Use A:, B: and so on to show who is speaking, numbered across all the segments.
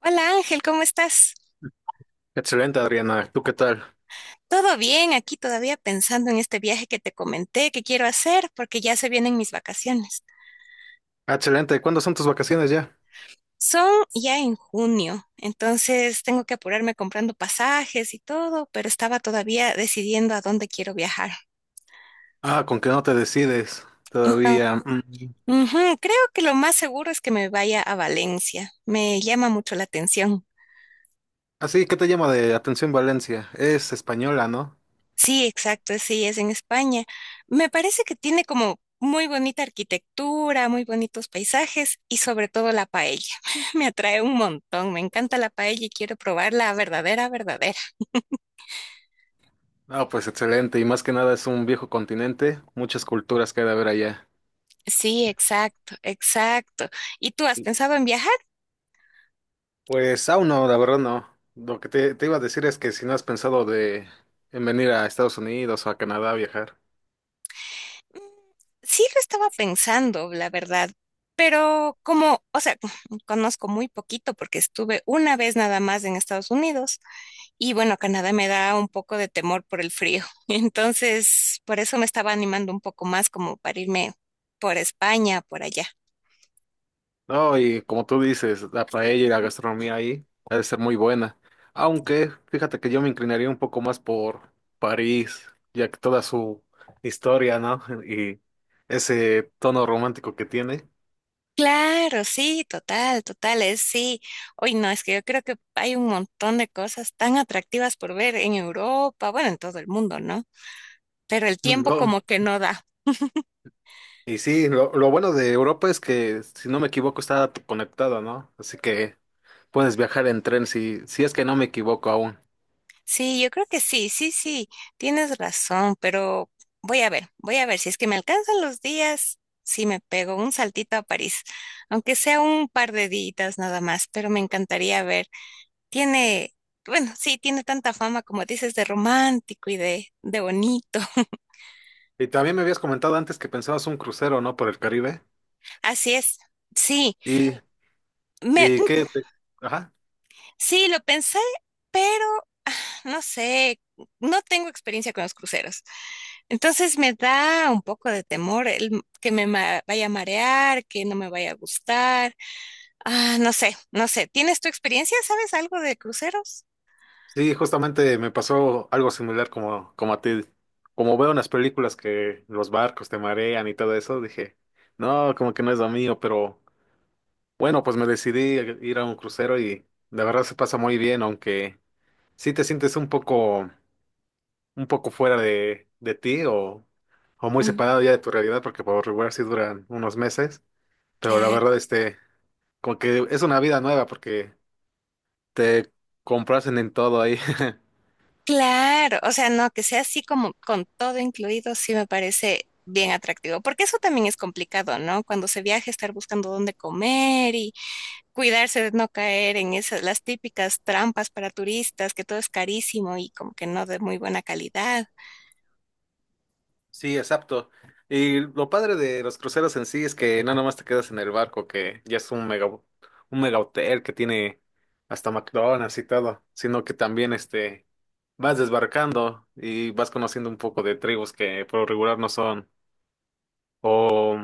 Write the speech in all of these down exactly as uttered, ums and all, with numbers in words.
A: Hola Ángel, ¿cómo estás?
B: Excelente, Adriana. ¿Tú qué tal?
A: ¿Todo bien? Aquí todavía pensando en este viaje que te comenté que quiero hacer porque ya se vienen mis vacaciones.
B: Ah, Excelente. ¿Cuándo son tus vacaciones ya?
A: Son ya en junio, entonces tengo que apurarme comprando pasajes y todo, pero estaba todavía decidiendo a dónde quiero viajar.
B: Ah, con que no te decides
A: Ah,
B: todavía. Mm.
A: ujú, creo que lo más seguro es que me vaya a Valencia. Me llama mucho la atención.
B: Así, ¿qué te llama de atención Valencia? Es española, ¿no?
A: Sí, exacto, sí, es en España. Me parece que tiene como muy bonita arquitectura, muy bonitos paisajes y sobre todo la paella. Me atrae un montón, me encanta la paella y quiero probarla, verdadera, verdadera.
B: Ah, pues excelente. Y más que nada es un viejo continente, muchas culturas que hay de haber allá.
A: Sí, exacto, exacto. ¿Y tú has pensado en viajar?
B: Pues aún no, la verdad no. Lo que te, te iba a decir es que si no has pensado de en venir a Estados Unidos o a Canadá a viajar.
A: Mm, sí, lo estaba pensando, la verdad. Pero como, o sea, conozco muy poquito porque estuve una vez nada más en Estados Unidos. Y bueno, Canadá me da un poco de temor por el frío. Entonces, por eso me estaba animando un poco más como para irme por España, por allá.
B: No, y como tú dices, la paella y la gastronomía ahí ha de ser muy buena. Aunque fíjate que yo me inclinaría un poco más por París, ya que toda su historia, ¿no? Y ese tono romántico que tiene.
A: Claro, sí, total, total, es sí. Hoy no, es que yo creo que hay un montón de cosas tan atractivas por ver en Europa, bueno, en todo el mundo, ¿no? Pero el tiempo
B: No.
A: como que no da.
B: Y sí, lo, lo bueno de Europa es que, si no me equivoco, está conectada, ¿no? Así que puedes viajar en tren si, si es que no me equivoco aún.
A: Sí, yo creo que sí, sí, sí, tienes razón, pero voy a ver, voy a ver si es que me alcanzan los días, sí me pego un saltito a París, aunque sea un par de días nada más, pero me encantaría ver. Tiene, bueno, sí, tiene tanta fama como dices de romántico y de, de bonito.
B: Y también me habías comentado antes que pensabas un crucero, ¿no? Por el Caribe.
A: Así es. Sí,
B: Y,
A: me,
B: y qué te- Ajá.
A: sí, lo pensé, pero ah, no sé, no tengo experiencia con los cruceros. Entonces me da un poco de temor el m- que me ma- vaya a marear, que no me vaya a gustar. Ah, no sé, no sé. ¿Tienes tu experiencia? ¿Sabes algo de cruceros?
B: Sí, justamente me pasó algo similar como, como a ti. Como veo en las películas que los barcos te marean y todo eso, dije, no, como que no es lo mío, pero bueno, pues me decidí a ir a un crucero y la verdad se pasa muy bien, aunque sí te sientes un poco, un poco fuera de, de ti o, o muy
A: Mm,
B: separado ya de tu realidad, porque por regular sí duran unos meses, pero la
A: ya,
B: verdad, este, como que es una vida nueva porque te comprasen en todo ahí.
A: claro, o sea, no, que sea así como con todo incluido, sí me parece bien atractivo, porque eso también es complicado, ¿no? Cuando se viaja, estar buscando dónde comer cuidarse de no caer en esas, las típicas trampas para turistas, que todo es carísimo y como que no de muy buena calidad.
B: Sí, exacto. Y lo padre de los cruceros en sí es que no nomás te quedas en el barco, que ya es un mega, un mega hotel que tiene hasta McDonald's y todo, sino que también este vas desbarcando y vas conociendo un poco de tribus que por lo regular no son o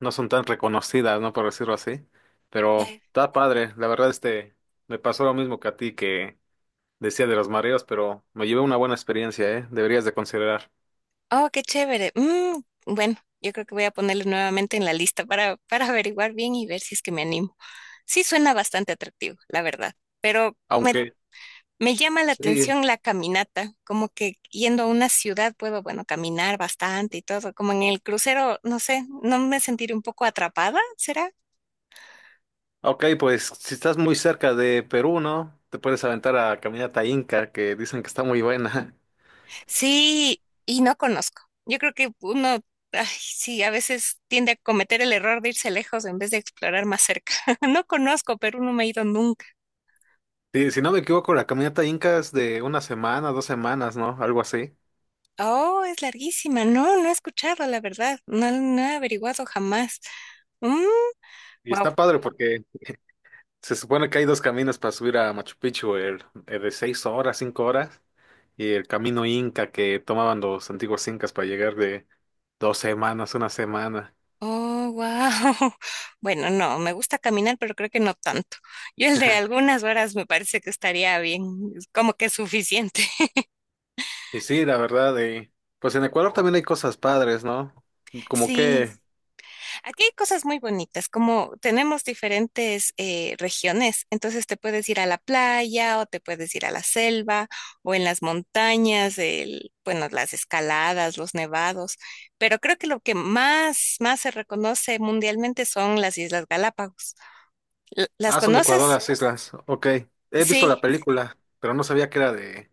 B: no son tan reconocidas, ¿no? Por decirlo así. Pero
A: Eh,
B: está padre. La verdad, este me pasó lo mismo que a ti que decía de los mareos, pero me llevé una buena experiencia, ¿eh? Deberías de considerar.
A: Oh, qué chévere. Mm, bueno, yo creo que voy a ponerlo nuevamente en la lista para, para averiguar bien y ver si es que me animo. Sí, suena bastante atractivo, la verdad, pero me,
B: Aunque
A: me llama la
B: Sí,
A: atención la caminata, como que yendo a una ciudad puedo, bueno, caminar bastante y todo, como en el crucero, no sé, no me sentiré un poco atrapada, ¿será?
B: Ok, pues si estás muy cerca de Perú, ¿no? Te puedes aventar a Caminata Inca, que dicen que está muy buena.
A: Sí, y no conozco. Yo creo que uno, ay, sí, a veces tiende a cometer el error de irse lejos en vez de explorar más cerca. No conozco, Perú no me he ido nunca.
B: Sí, si no me equivoco, la Caminata Inca es de una semana, dos semanas, ¿no? Algo así.
A: Oh, es larguísima. No, no he escuchado, la verdad. No, no he averiguado jamás.
B: Y
A: Wow.
B: está padre porque se supone que hay dos caminos para subir a Machu Picchu, el, el de seis horas, cinco horas, y el camino Inca que tomaban los antiguos incas para llegar de dos semanas, una semana.
A: Oh, wow. Bueno, no, me gusta caminar, pero creo que no tanto. Yo el de algunas horas me parece que estaría bien, como que es suficiente.
B: Y sí, la verdad, eh, pues en Ecuador también hay cosas padres, ¿no? Como
A: Sí.
B: que
A: Aquí hay cosas muy bonitas, como tenemos diferentes eh, regiones, entonces te puedes ir a la playa o te puedes ir a la selva o en las montañas, el, bueno, las escaladas, los nevados, pero creo que lo que más, más se reconoce mundialmente son las Islas Galápagos. ¿L- ¿Las
B: Ah, son de Ecuador
A: conoces?
B: las islas. Ok. He visto la
A: Sí,
B: película, pero no sabía que era de,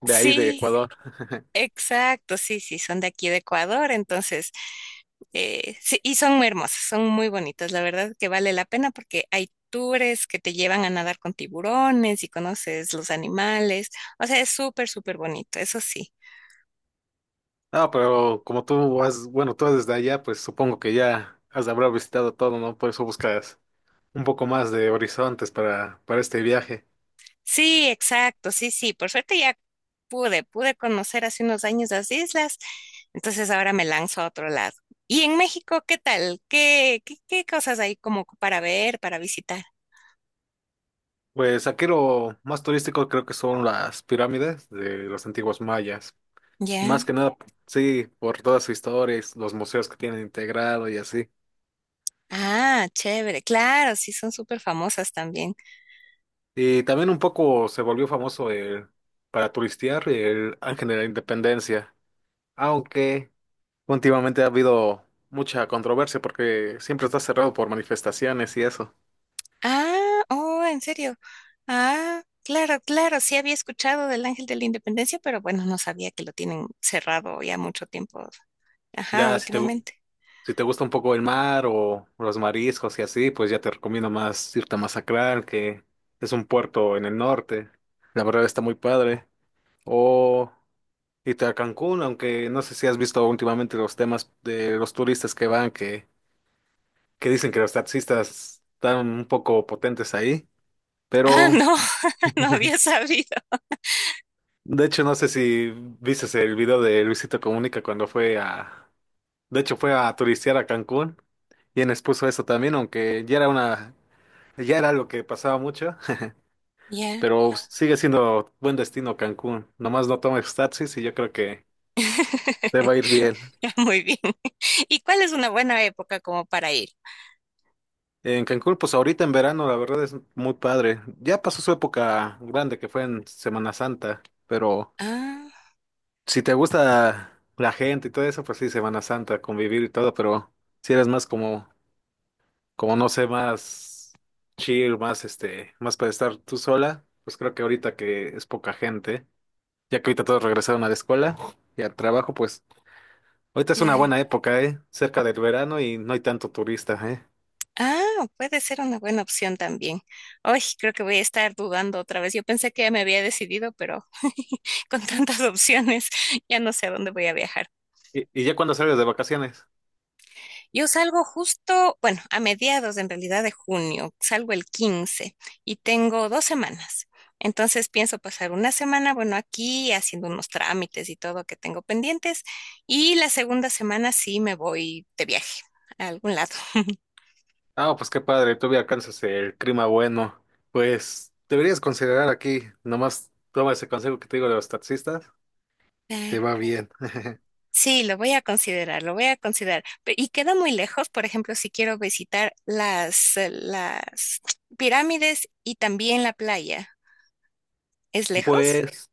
B: de ahí, de
A: sí.
B: Ecuador.
A: Exacto, sí, sí, son de aquí de Ecuador, entonces, eh, sí, y son muy hermosos, son muy bonitos, la verdad que vale la pena porque hay tours que te llevan a nadar con tiburones y conoces los animales, o sea, es súper, súper bonito, eso sí.
B: Ah, pero como tú has, bueno, tú desde allá, pues supongo que ya has de haber visitado todo, ¿no? Por eso buscas un poco más de horizontes para, para este viaje.
A: Sí, exacto, sí, sí, por suerte ya pude, pude conocer hace unos años las islas, entonces ahora me lanzo a otro lado. ¿Y en México qué tal? ¿Qué, qué, qué cosas hay como para ver, para visitar?
B: Pues aquí lo más turístico creo que son las pirámides de los antiguos mayas. Más
A: Ya.
B: que nada, sí, por toda su historia, y los museos que tienen integrado y así.
A: Ah, chévere. Claro, sí, son súper famosas también.
B: Y también un poco se volvió famoso el, para turistear el Ángel de la Independencia, aunque últimamente ha habido mucha controversia porque siempre está cerrado por manifestaciones y eso.
A: Ah, oh, en serio. Ah, claro, claro. Sí había escuchado del Ángel de la Independencia, pero bueno, no sabía que lo tienen cerrado ya mucho tiempo. Ajá,
B: Ya si te, gu-
A: últimamente.
B: si te gusta un poco el mar o los mariscos y así, pues ya te recomiendo más irte a Masacral, que es un puerto en el norte. La verdad está muy padre. O irte a Cancún, aunque no sé si has visto últimamente los temas de los turistas que van, que que dicen que los taxistas están un poco potentes ahí,
A: Ah,
B: pero
A: no, no había sabido.
B: de hecho no sé si viste el video de Luisito Comunica cuando fue a, de hecho fue a turistear a Cancún y en expuso eso también, aunque ya era una, ya era lo que pasaba mucho,
A: Ya.
B: pero sigue siendo buen destino Cancún, nomás no tomes taxis y yo creo que te va a ir bien.
A: Muy bien. ¿Y cuál es una buena época como para ir?
B: En Cancún, pues ahorita en verano, la verdad es muy padre. Ya pasó su época grande que fue en Semana Santa, pero
A: Ah,
B: si te gusta la gente y todo eso, pues sí, Semana Santa, convivir y todo, pero si eres más como, como no sé, más chill, más este, más para estar tú sola, pues creo que ahorita que es poca gente, ya que ahorita todos regresaron a la escuela y al trabajo, pues ahorita es una
A: claro.
B: buena época, ¿eh? Cerca del verano y no hay tanto turista, ¿eh?
A: Ah, puede ser una buena opción también. Hoy creo que voy a estar dudando otra vez. Yo pensé que ya me había decidido, pero con tantas opciones ya no sé a dónde voy a viajar.
B: Y, y ya cuando sales de vacaciones.
A: Yo salgo justo, bueno, a mediados en realidad de junio, salgo el quince y tengo dos semanas. Entonces pienso pasar una semana, bueno, aquí haciendo unos trámites y todo que tengo pendientes y la segunda semana sí me voy de viaje a algún lado.
B: Ah, pues qué padre, todavía alcanzas el clima bueno. Pues deberías considerar aquí, nomás toma ese consejo que te digo de los taxistas. Te va bien.
A: Sí, lo voy a considerar, lo voy a considerar. Pe- Y queda muy lejos, por ejemplo, si quiero visitar las, eh, las pirámides y también la playa. ¿Es lejos?
B: Pues,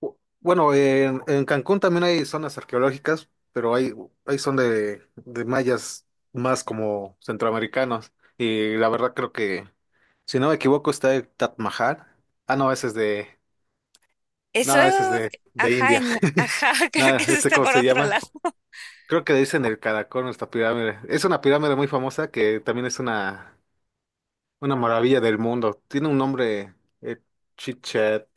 B: bu- bueno, en, en Cancún también hay zonas arqueológicas, pero hay, hay son de, de mayas más como centroamericanos. Y la verdad creo que, si no me equivoco, está el Taj Mahal. Ah, no, ese es de,
A: Eso,
B: no, ese es de, de
A: ajá,
B: India.
A: en- ajá, creo que
B: Nada,
A: eso
B: este,
A: está
B: ¿cómo
A: por
B: se
A: otro
B: llama?
A: lado.
B: Creo que le dicen el caracol, nuestra pirámide. Es una pirámide muy famosa que también es una, una maravilla del mundo. Tiene un nombre, eh, Chichet.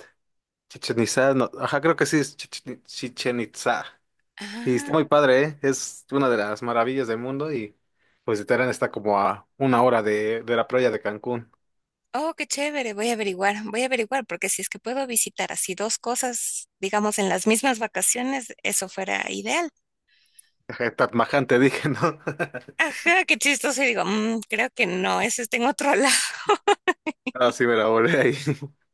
B: Chichen Itzá, no, ajá, creo que sí es Chichen, Chichen Itzá. Y está
A: Ah,
B: muy padre, ¿eh? Es una de las maravillas del mundo y pues Terán está como a una hora de, de la playa de Cancún.
A: oh, qué chévere, voy a averiguar, voy a averiguar, porque si es que puedo visitar así dos cosas, digamos, en las mismas vacaciones, eso fuera ideal.
B: Ajá, Tatmaján te dije, ¿no?
A: Ajá, qué chistoso, y digo, "Mm, creo que no, eso está en otro lado.
B: Ah, sí, me la volé ahí.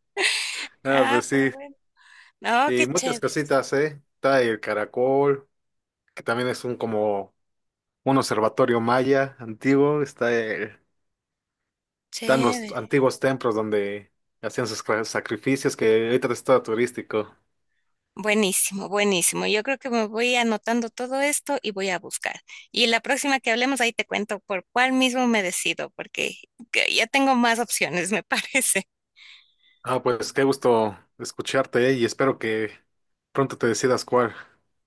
B: Ah,
A: Ah,
B: pues
A: pero
B: sí.
A: bueno. No, qué
B: Y muchas
A: chévere,
B: cositas, ¿eh? Está el caracol, que también es un como un observatorio maya antiguo. Está el, están los
A: chévere.
B: antiguos templos donde hacían sus cra- sacrificios, que ahorita está turístico.
A: Buenísimo, buenísimo. Yo creo que me voy anotando todo esto y voy a buscar. Y la próxima que hablemos, ahí te cuento por cuál mismo me decido, porque que ya tengo más opciones, me parece.
B: Ah, pues qué gusto escucharte eh, y espero que pronto te decidas cuál.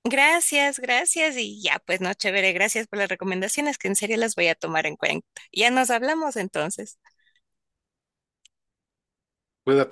A: Gracias, gracias. Y ya, pues no, chévere, gracias por las recomendaciones, que en serio las voy a tomar en cuenta. Ya nos hablamos entonces.
B: Cuídate.